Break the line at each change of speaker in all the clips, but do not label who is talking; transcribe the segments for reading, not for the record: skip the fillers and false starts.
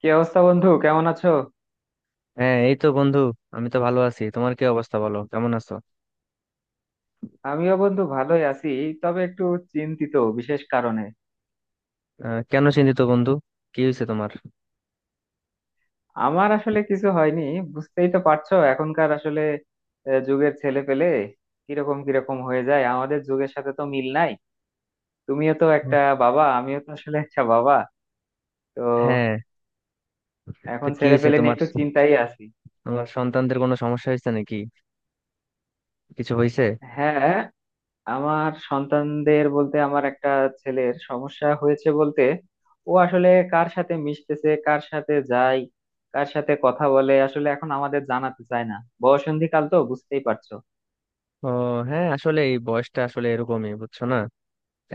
কি অবস্থা বন্ধু? কেমন আছো?
হ্যাঁ, এই তো বন্ধু। আমি তো ভালো আছি, তোমার কি অবস্থা? বলো, কেমন আছো?
আমিও বন্ধু ভালোই আছি, তবে একটু চিন্তিত বিশেষ কারণে।
কেন চিন্তিত বন্ধু? কি হয়েছে তোমার?
আমার আসলে কিছু হয়নি। বুঝতেই তো পারছো, এখনকার আসলে যুগের ছেলে পেলে কিরকম কিরকম হয়ে যায়, আমাদের যুগের সাথে তো মিল নাই। তুমিও তো একটা বাবা, আমিও তো আসলে একটা বাবা। তো
হ্যাঁ, তো
এখন
কি
ছেলে
হয়েছে
পেলে নিয়ে
তোমার?
একটু চিন্তাই আছি।
তোমার সন্তানদের কোনো সমস্যা হয়েছে নাকি? কিছু হয়েছে?
হ্যাঁ, আমার সন্তানদের বলতে আমার একটা ছেলের সমস্যা হয়েছে, বলতে ও আসলে কার সাথে মিশতেছে, কার সাথে যায়, কার সাথে কথা বলে আসলে এখন আমাদের জানাতে চায় না। বয়ঃসন্ধিকাল তো বুঝতেই পারছো।
ও, হ্যাঁ আসলে এই বয়সটা আসলে এরকমই, বুঝছো না?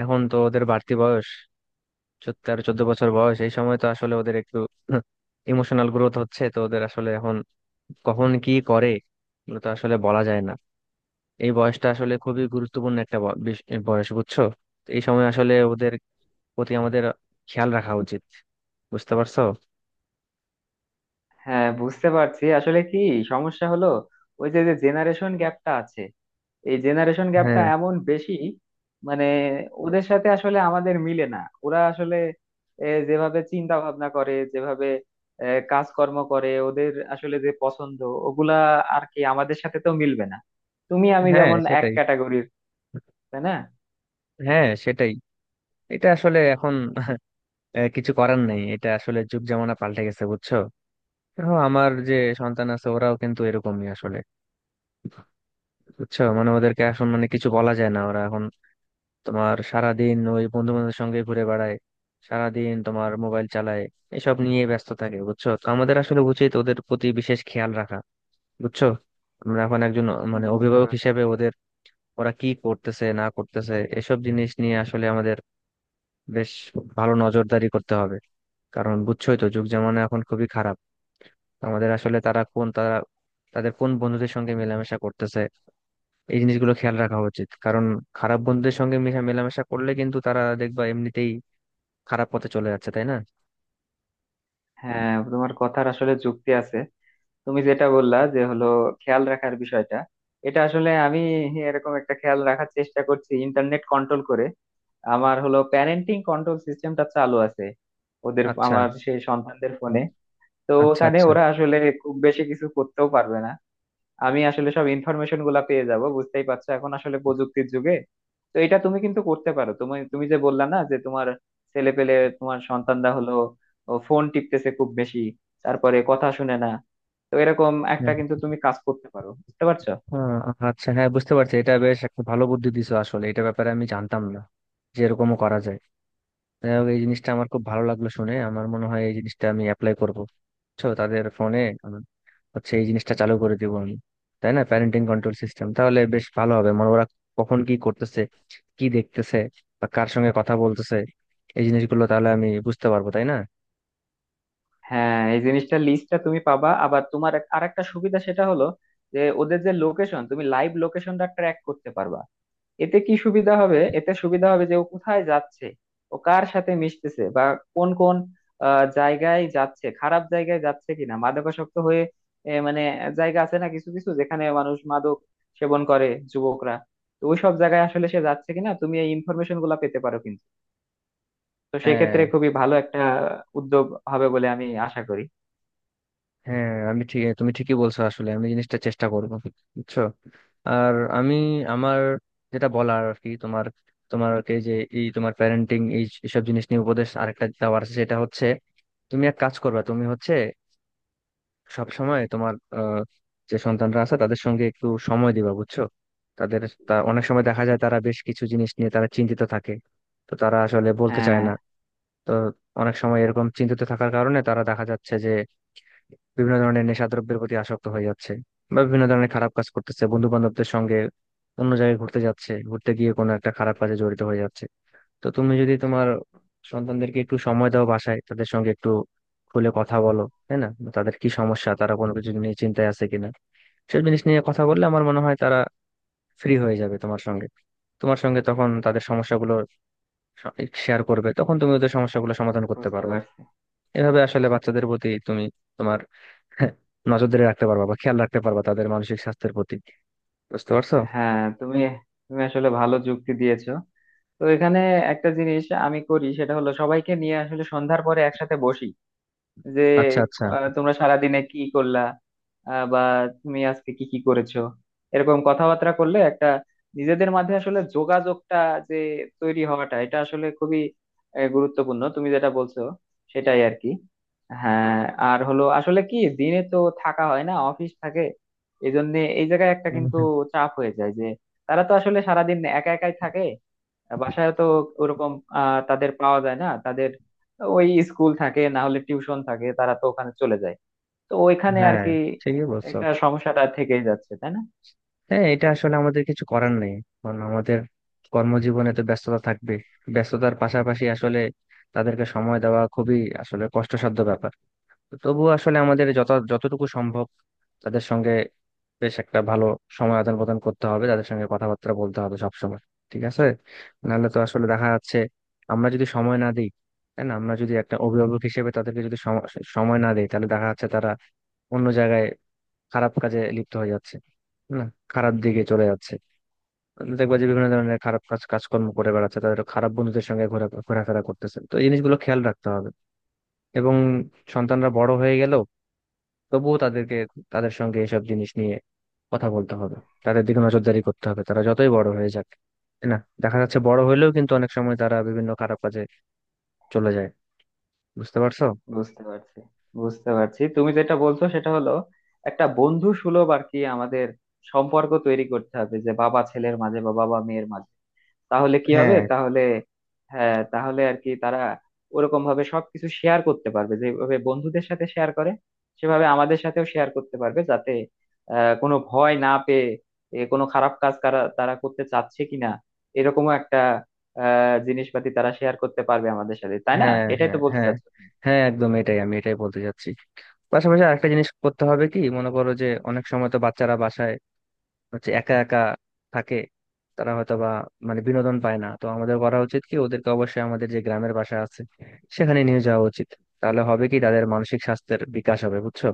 এখন তো ওদের বাড়তি বয়স। 13-14 বছর বয়স, এই সময় তো আসলে ওদের একটু ইমোশনাল গ্রোথ হচ্ছে তো ওদের আসলে এখন। কখন কি করে এগুলো তো আসলে বলা যায় না। এই বয়সটা আসলে খুবই গুরুত্বপূর্ণ একটা বয়স, বুঝছো? তো এই সময় আসলে ওদের প্রতি আমাদের খেয়াল রাখা উচিত। বুঝতে পারছো?
হ্যাঁ বুঝতে পারছি। আসলে কি সমস্যা হলো, ওই যে যে জেনারেশন গ্যাপটা আছে, এই জেনারেশন গ্যাপটা
হ্যাঁ
এমন বেশি, মানে ওদের সাথে আসলে আমাদের মিলে না। ওরা আসলে যেভাবে চিন্তা ভাবনা করে, যেভাবে এ, কাজকর্ম করে, ওদের আসলে যে পছন্দ ওগুলা আর কি আমাদের সাথে তো মিলবে না। তুমি আমি
হ্যাঁ
যেমন এক
সেটাই।
ক্যাটাগরির, তাই না?
হ্যাঁ সেটাই। এটা আসলে এখন আহ, কিছু করার নেই, এটা আসলে যুগ জামানা পাল্টে গেছে, বুঝছো? দেখো, আমার যে সন্তান আছে ওরাও কিন্তু এরকমই আসলে, বুঝছো? মানে ওদেরকে এখন মানে কিছু বলা যায় না, ওরা এখন তোমার সারাদিন ওই বন্ধু বান্ধবের সঙ্গে ঘুরে বেড়ায়, সারাদিন তোমার মোবাইল চালায়, এসব নিয়ে ব্যস্ত থাকে। বুঝছো, তো আমাদের আসলে উচিত ওদের প্রতি বিশেষ খেয়াল রাখা। বুঝছো? আমরা এখন একজন মানে
বুঝতে
অভিভাবক
পারছি।
হিসেবে ওদের ওরা কি করতেছে না করতেছে এসব জিনিস নিয়ে আসলে আমাদের বেশ ভালো নজরদারি করতে হবে। কারণ বুঝছোই তো, যুগ জামানা এখন খুবই খারাপ। আমাদের আসলে তারা কোন তারা তাদের কোন বন্ধুদের সঙ্গে মেলামেশা করতেছে এই জিনিসগুলো খেয়াল রাখা উচিত। কারণ খারাপ বন্ধুদের সঙ্গে মেশা মেলামেশা করলে কিন্তু তারা দেখবা এমনিতেই খারাপ পথে চলে যাচ্ছে, তাই না?
হ্যাঁ, তোমার কথার আসলে যুক্তি আছে। তুমি যেটা বললা, যে হলো খেয়াল রাখার বিষয়টা, এটা আসলে আমি এরকম একটা খেয়াল রাখার চেষ্টা করছি। ইন্টারনেট কন্ট্রোল করে আমার হলো প্যারেন্টিং কন্ট্রোল সিস্টেমটা চালু আছে ওদের,
আচ্ছা,
আমার সেই সন্তানদের ফোনে। তো
আচ্ছা।
ওখানে
আচ্ছা,
ওরা আসলে খুব বেশি কিছু করতেও পারবে না, আমি আসলে সব ইনফরমেশন গুলা পেয়ে যাব। বুঝতেই পারছো, এখন আসলে প্রযুক্তির যুগে। তো এটা তুমি কিন্তু করতে পারো। তুমি তুমি যে বললা না যে তোমার ছেলে পেলে, তোমার সন্তানরা হলো ফোন টিপতেছে খুব বেশি, তারপরে কথা শুনে না। তো এরকম
হ্যাঁ,
একটা কিন্তু তুমি কাজ করতে পারো, বুঝতে পারছো?
আচ্ছা হ্যাঁ বুঝতে পারছি। এটা বেশ একটা ভালো বুদ্ধি দিছো, আসলে এটা ব্যাপারে আমি জানতাম না যে এরকমও করা যায়। যাই হোক, এই জিনিসটা আমার খুব ভালো লাগলো শুনে, আমার মনে হয় এই জিনিসটা আমি অ্যাপ্লাই করবো। বুঝছো, তাদের ফোনে হচ্ছে এই জিনিসটা চালু করে দিব আমি। তাই না? প্যারেন্টিং কন্ট্রোল সিস্টেম, তাহলে বেশ ভালো হবে। মানে ওরা কখন কি করতেছে, কি দেখতেছে, বা কার সঙ্গে কথা বলতেছে এই জিনিসগুলো তাহলে আমি বুঝতে পারবো, তাই না?
হ্যাঁ, এই জিনিসটা লিস্টটা তুমি পাবা। আবার তোমার আর একটা সুবিধা, সেটা হলো যে ওদের যে লোকেশন, তুমি লাইভ লোকেশনটা ট্র্যাক করতে পারবা। এতে কি সুবিধা হবে? এতে সুবিধা হবে যে ও কোথায় যাচ্ছে, ও কার সাথে মিশতেছে, বা কোন কোন জায়গায় যাচ্ছে, খারাপ জায়গায় যাচ্ছে কিনা, মাদকাসক্ত হয়ে মানে জায়গা আছে না কিছু কিছু, যেখানে মানুষ মাদক সেবন করে, যুবকরা। তো ওই সব জায়গায় আসলে সে যাচ্ছে কিনা, তুমি এই ইনফরমেশন গুলা পেতে পারো কিন্তু। তো সেক্ষেত্রে
হ্যাঁ
খুবই ভালো একটা উদ্যোগ হবে বলে আমি আশা করি।
হ্যাঁ, আমি ঠিক তুমি ঠিকই বলছো, আসলে আমি জিনিসটা চেষ্টা করবো। বুঝছো? আর আমি আমার যেটা বলার আর কি, তোমার তোমার যে এই তোমার প্যারেন্টিং এই সব জিনিস নিয়ে উপদেশ আরেকটা দেওয়ার আছে, সেটা হচ্ছে তুমি এক কাজ করবা, তুমি হচ্ছে সব সময় তোমার যে সন্তানরা আছে তাদের সঙ্গে একটু সময় দিবা। বুঝছো? তাদের তা অনেক সময় দেখা যায় তারা বেশ কিছু জিনিস নিয়ে তারা চিন্তিত থাকে, তো তারা আসলে বলতে চায়
হ্যাঁ
না। তো অনেক সময় এরকম চিন্তিত থাকার কারণে তারা দেখা যাচ্ছে যে বিভিন্ন ধরনের নেশাদ্রব্যের প্রতি আসক্ত হয়ে যাচ্ছে, বা বিভিন্ন ধরনের খারাপ কাজ করতেছে বন্ধু বান্ধবদের সঙ্গে, অন্য জায়গায় ঘুরতে যাচ্ছে, ঘুরতে গিয়ে কোনো একটা খারাপ কাজে জড়িত হয়ে যাচ্ছে। তো তুমি যদি তোমার সন্তানদেরকে একটু সময় দাও বাসায়, তাদের সঙ্গে একটু খুলে কথা বলো, তাই না? তাদের কি সমস্যা, তারা কোনো কিছু নিয়ে চিন্তায় আছে কিনা, সব জিনিস নিয়ে কথা বললে আমার মনে হয় তারা ফ্রি হয়ে যাবে তোমার সঙ্গে। তোমার সঙ্গে তখন তাদের সমস্যাগুলো শেয়ার করবে, তখন তুমি ওদের সমস্যাগুলো সমাধান করতে
বুঝতে
পারবে।
পারছি।
এভাবে আসলে বাচ্চাদের প্রতি তুমি তোমার নজর ধরে রাখতে পারবা বা খেয়াল রাখতে পারবা তাদের মানসিক স্বাস্থ্যের প্রতি। বুঝতে পারছো?
হ্যাঁ তুমি তুমি আসলে ভালো যুক্তি দিয়েছো। তো এখানে একটা জিনিস আমি করি, সেটা হলো সবাইকে নিয়ে আসলে সন্ধ্যার পরে একসাথে বসি, যে
আচ্ছা, আচ্ছা।
তোমরা সারাদিনে কি করলা, বা তুমি আজকে কি কি করেছো। এরকম কথাবার্তা করলে একটা নিজেদের মাঝে আসলে যোগাযোগটা যে তৈরি হওয়াটা, এটা আসলে খুবই গুরুত্বপূর্ণ। তুমি যেটা বলছো সেটাই আর কি। হ্যাঁ, আর হলো আসলে কি, দিনে তো থাকা হয় না, অফিস থাকে। এই জন্য এই জায়গায় একটা কিন্তু চাপ হয়ে যায়, যে তারা তো আসলে সারাদিন একা একাই থাকে। বাসায় তো ওরকম তাদের পাওয়া যায় না, তাদের ওই স্কুল থাকে, না হলে টিউশন থাকে, তারা তো ওখানে চলে যায়। তো ওইখানে আর
হ্যাঁ,
কি
ঠিকই বলছো।
একটা সমস্যাটা থেকেই যাচ্ছে, তাই না?
হ্যাঁ, এটা আসলে আমাদের কিছু করার নেই। কারণ আমাদের কর্মজীবনে তো ব্যস্ততা থাকবে, ব্যস্ততার পাশাপাশি আসলে তাদেরকে সময় দেওয়া খুবই আসলে কষ্টসাধ্য ব্যাপার। তো তবুও আসলে আমাদের যত যতটুকু সম্ভব তাদের সঙ্গে বেশ একটা ভালো সময় আদান প্রদান করতে হবে, তাদের সঙ্গে কথাবার্তা বলতে হবে সবসময়, ঠিক আছে? নাহলে তো আসলে দেখা যাচ্ছে আমরা যদি সময় না দিই, তাই না, আমরা যদি একটা অভিভাবক হিসেবে তাদেরকে যদি সময় না দিই, তাহলে দেখা যাচ্ছে তারা অন্য জায়গায় খারাপ কাজে লিপ্ত হয়ে যাচ্ছে, না, খারাপ দিকে চলে যাচ্ছে। দেখবা যে বিভিন্ন ধরনের খারাপ কাজ কাজকর্ম করে বেড়াচ্ছে, তাদের খারাপ বন্ধুদের সঙ্গে ঘোরা ঘোরাফেরা করতেছে। তো এই জিনিসগুলো খেয়াল রাখতে হবে। এবং সন্তানরা বড় হয়ে গেল, তবুও তাদেরকে তাদের সঙ্গে এসব জিনিস নিয়ে কথা বলতে হবে, তাদের দিকে নজরদারি করতে হবে, তারা যতই বড় হয়ে যাক, তাই না? দেখা যাচ্ছে বড় হইলেও কিন্তু অনেক সময় তারা বিভিন্ন খারাপ কাজে চলে যায়। বুঝতে পারছো?
বুঝতে পারছি। বুঝতে পারছি তুমি যেটা বলছো, সেটা হলো একটা বন্ধু সুলভ আর কি আমাদের সম্পর্ক তৈরি করতে হবে যে বাবা ছেলের মাঝে বা বাবা মেয়ের মাঝে। তাহলে কি হবে?
হ্যাঁ,
তাহলে হ্যাঁ, তাহলে আর কি তারা ওরকম ভাবে সবকিছু শেয়ার করতে পারবে। যেভাবে বন্ধুদের সাথে শেয়ার করে, সেভাবে আমাদের সাথেও শেয়ার করতে পারবে, যাতে কোনো ভয় না পেয়ে কোনো খারাপ কাজ তারা তারা করতে চাচ্ছে কিনা, এরকমও একটা জিনিসপাতি তারা শেয়ার করতে পারবে আমাদের সাথে, তাই না?
হ্যাঁ,
এটাই
হ্যাঁ।
তো বলতে
হ্যাঁ,
চাচ্ছো তুমি।
হ্যাঁ, একদম এটাই আমি এটাই বলতে চাচ্ছি। পাশাপাশি আরেকটা জিনিস করতে হবে কি, মনে করো যে অনেক সময় তো বাচ্চারা বাসায় হচ্ছে একা একা থাকে, তারা হয়তো বা মানে বিনোদন পায় না। তো আমাদের করা উচিত কি, ওদেরকে অবশ্যই আমাদের যে গ্রামের বাসা আছে সেখানে নিয়ে যাওয়া উচিত। তাহলে হবে কি, তাদের মানসিক স্বাস্থ্যের বিকাশ হবে, বুঝছো?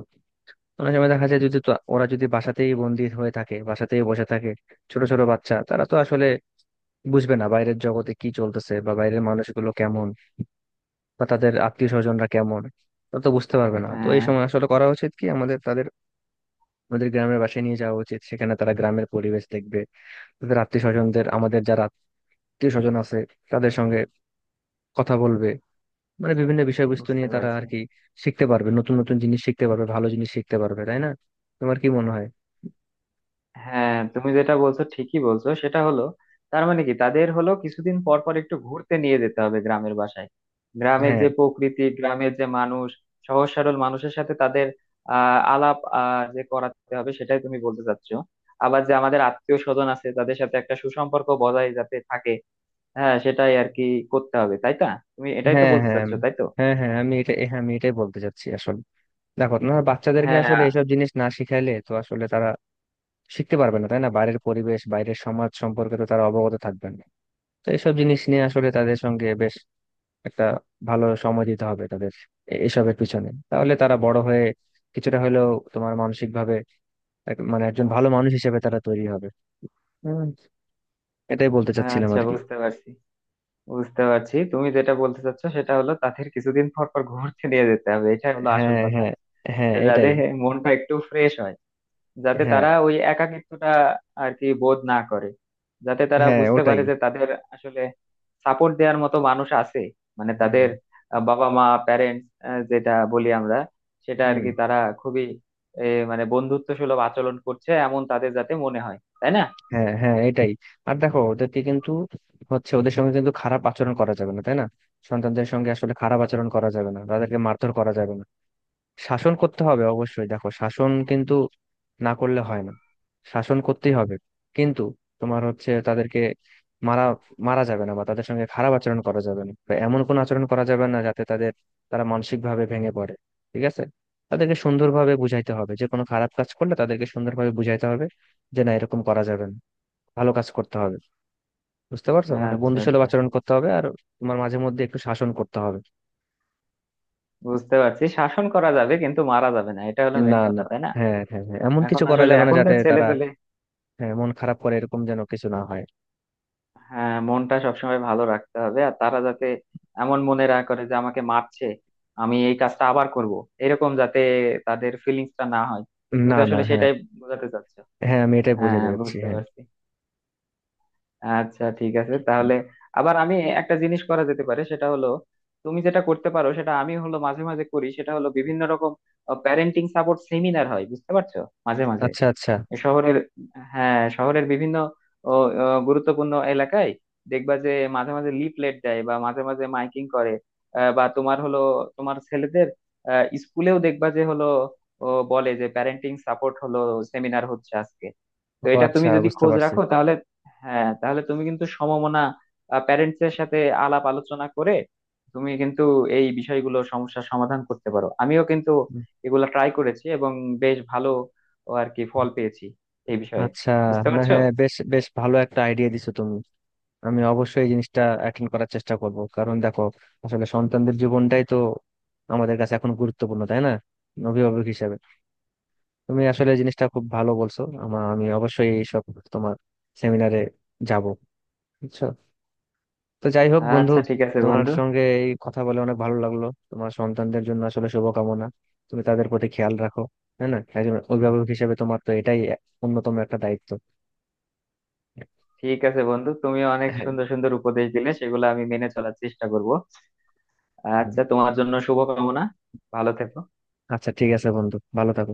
অনেক সময় দেখা যায় যদি ওরা যদি বাসাতেই বন্দি হয়ে থাকে, বাসাতেই বসে থাকে, ছোট ছোট বাচ্চা, তারা তো আসলে বুঝবে না বাইরের জগতে কি চলতেছে বা বাইরের মানুষগুলো কেমন, বা তাদের আত্মীয় স্বজনরা কেমন, তা তো বুঝতে পারবে না। তো এই
হ্যাঁ
সময় আসলে করা উচিত কি আমাদের, তাদের ওদের গ্রামের বাসায় নিয়ে যাওয়া উচিত, সেখানে তারা গ্রামের পরিবেশ দেখবে, তাদের আত্মীয় স্বজনদের আমাদের যারা আত্মীয় স্বজন আছে তাদের সঙ্গে কথা বলবে, মানে বিভিন্ন বিষয়বস্তু
বুঝতে
নিয়ে তারা
পারছি।
আর কি শিখতে পারবে, নতুন নতুন জিনিস শিখতে পারবে, ভালো জিনিস শিখতে পারবে, তাই না? তোমার কি মনে হয়?
হ্যাঁ, তুমি যেটা বলছো ঠিকই বলছো। সেটা হলো তার মানে কি, তাদের হলো কিছুদিন পর পর একটু ঘুরতে নিয়ে যেতে হবে গ্রামের বাসায়। গ্রামের
হ্যাঁ,
যে প্রকৃতি, গ্রামের যে মানুষ, সহজ সরল মানুষের সাথে তাদের আলাপ যে করাতে হবে, সেটাই তুমি বলতে চাচ্ছো। আবার যে আমাদের আত্মীয় স্বজন আছে, তাদের সাথে একটা সুসম্পর্ক বজায় যাতে থাকে। হ্যাঁ সেটাই আর কি করতে হবে, তাই না? তুমি এটাই তো
হ্যাঁ,
বলতে
হ্যাঁ।
চাচ্ছো, তাই তো?
হ্যাঁ, হ্যাঁ, আমি এটা, হ্যাঁ আমি এটাই বলতে চাচ্ছি আসলে। দেখো না, বাচ্চাদেরকে
হ্যাঁ।
আসলে এসব জিনিস না শিখাইলে তো আসলে তারা শিখতে পারবে না, তাই না? বাইরের পরিবেশ বাইরের সমাজ সম্পর্কে তো তারা অবগত থাকবেন না। তো এইসব জিনিস নিয়ে আসলে তাদের সঙ্গে বেশ একটা ভালো সময় দিতে হবে তাদের এসবের পিছনে। তাহলে তারা বড় হয়ে কিছুটা হলেও তোমার মানসিক ভাবে মানে একজন ভালো মানুষ হিসেবে তারা তৈরি হবে। হুম, এটাই বলতে চাচ্ছিলাম
আচ্ছা
আর কি।
বুঝতে পারছি। বুঝতে পারছি তুমি যেটা বলতে চাচ্ছ, সেটা হলো তাদের কিছুদিন পর পর ঘুরতে নিয়ে যেতে হবে, এটাই হলো আসল
হ্যাঁ,
কথা।
হ্যাঁ, হ্যাঁ,
যে
এটাই।
যাদের মনটা একটু ফ্রেশ হয়, যাতে
হ্যাঁ,
তারা ওই একাকিত্বটা আর কি বোধ না করে, যাতে তারা
হ্যাঁ,
বুঝতে
ওটাই।
পারে যে তাদের আসলে সাপোর্ট দেওয়ার মতো মানুষ আছে, মানে
হুম।
তাদের বাবা মা প্যারেন্টস যেটা বলি আমরা, সেটা আর
হুম।
কি। তারা খুবই এ, মানে বন্ধুত্ব সুলভ আচরণ করছে এমন তাদের যাতে মনে হয়, তাই না?
হ্যাঁ, হ্যাঁ, এটাই। আর দেখো ওদেরকে কিন্তু হচ্ছে, ওদের সঙ্গে কিন্তু খারাপ আচরণ করা যাবে না, তাই না? সন্তানদের সঙ্গে আসলে খারাপ আচরণ করা যাবে না, তাদেরকে মারধর করা যাবে না। শাসন করতে হবে অবশ্যই, দেখো শাসন কিন্তু না করলে হয় না, শাসন করতেই হবে, কিন্তু তোমার হচ্ছে তাদেরকে মারা মারা যাবে না, বা তাদের সঙ্গে খারাপ আচরণ করা যাবে না, বা এমন কোনো আচরণ করা যাবে না যাতে তাদের তারা মানসিক ভাবে ভেঙে পড়ে, ঠিক আছে? তাদেরকে সুন্দরভাবে বুঝাইতে হবে, যে কোনো খারাপ কাজ করলে তাদেরকে সুন্দরভাবে বুঝাইতে হবে যে না, এরকম করা যাবে না, ভালো কাজ করতে হবে। বুঝতে পারছো? মানে
আচ্ছা
বন্ধুসুলভ
আচ্ছা।
আচরণ করতে হবে আর তোমার মাঝে মধ্যে একটু শাসন করতে হবে।
বুঝতে পারছি, শাসন করা যাবে কিন্তু মারা যাবে না, এটা হলো
না,
মেন
না,
কথা, তাই না?
হ্যাঁ, হ্যাঁ, হ্যাঁ, এমন
এখন
কিছু করা
আসলে
যাবে না যাতে
এখনকার ছেলে
তারা
পেলে
হ্যাঁ মন খারাপ করে, এরকম যেন কিছু না হয়।
হ্যাঁ মনটা সবসময় ভালো রাখতে হবে, আর তারা যাতে এমন মনে না করে যে আমাকে মারছে, আমি এই কাজটা আবার করব, এরকম যাতে তাদের ফিলিংসটা না হয়। তুমি
না,
তো
না,
আসলে
হ্যাঁ,
সেটাই বোঝাতে চাচ্ছো।
হ্যাঁ, আমি এটাই
হ্যাঁ
বোঝাতে যাচ্ছি,
বুঝতে
হ্যাঁ।
পারছি। আচ্ছা ঠিক আছে তাহলে। আবার আমি একটা জিনিস করা যেতে পারে, সেটা হলো তুমি যেটা করতে পারো, সেটা আমি হলো মাঝে মাঝে করি, সেটা হলো বিভিন্ন রকম প্যারেন্টিং সাপোর্ট সেমিনার হয়, বুঝতে পারছো, মাঝে মাঝে
আচ্ছা, আচ্ছা।
শহরের হ্যাঁ শহরের বিভিন্ন ও, গুরুত্বপূর্ণ এলাকায় দেখবা যে মাঝে মাঝে লিফলেট দেয়, বা মাঝে মাঝে মাইকিং করে, বা তোমার হলো তোমার ছেলেদের স্কুলেও দেখবা যে হলো বলে যে প্যারেন্টিং সাপোর্ট হলো সেমিনার হচ্ছে আজকে। তো
ও,
এটা
আচ্ছা,
তুমি যদি
বুঝতে
খোঁজ
পারছি।
রাখো তাহলে হ্যাঁ তাহলে তুমি কিন্তু সমমনা প্যারেন্টস এর সাথে আলাপ আলোচনা করে তুমি কিন্তু এই বিষয়গুলো সমস্যার সমাধান করতে পারো। আমিও কিন্তু
উম,
এগুলো ট্রাই করেছি এবং বেশ ভালো আর কি ফল পেয়েছি এই বিষয়ে,
আচ্ছা,
বুঝতে
না,
পারছো?
হ্যাঁ বেশ, বেশ ভালো একটা আইডিয়া দিছো তুমি। আমি অবশ্যই এই জিনিসটা অ্যাটেন্ড করার চেষ্টা করব, কারণ দেখো আসলে সন্তানদের জীবনটাই তো আমাদের কাছে এখন গুরুত্বপূর্ণ, তাই না? অভিভাবক হিসাবে তুমি আসলে জিনিসটা খুব ভালো বলছো। আমি অবশ্যই এইসব তোমার সেমিনারে যাব। বুঝছো? তো যাই হোক বন্ধু,
আচ্ছা ঠিক আছে
তোমার
বন্ধু।
সঙ্গে এই কথা বলে অনেক ভালো লাগলো। তোমার সন্তানদের জন্য আসলে শুভকামনা। তুমি তাদের প্রতি খেয়াল রাখো, হ্যাঁ, না একজন অভিভাবক হিসেবে তোমার তো এটাই অন্যতম একটা দায়িত্ব।
ঠিক আছে বন্ধু, তুমি অনেক
হ্যাঁ।
সুন্দর সুন্দর উপদেশ দিলে, সেগুলো আমি মেনে চলার চেষ্টা করব।
হুম।
আচ্ছা, তোমার জন্য শুভকামনা। ভালো থেকো।
আচ্ছা, ঠিক আছে বন্ধু, ভালো থাকো।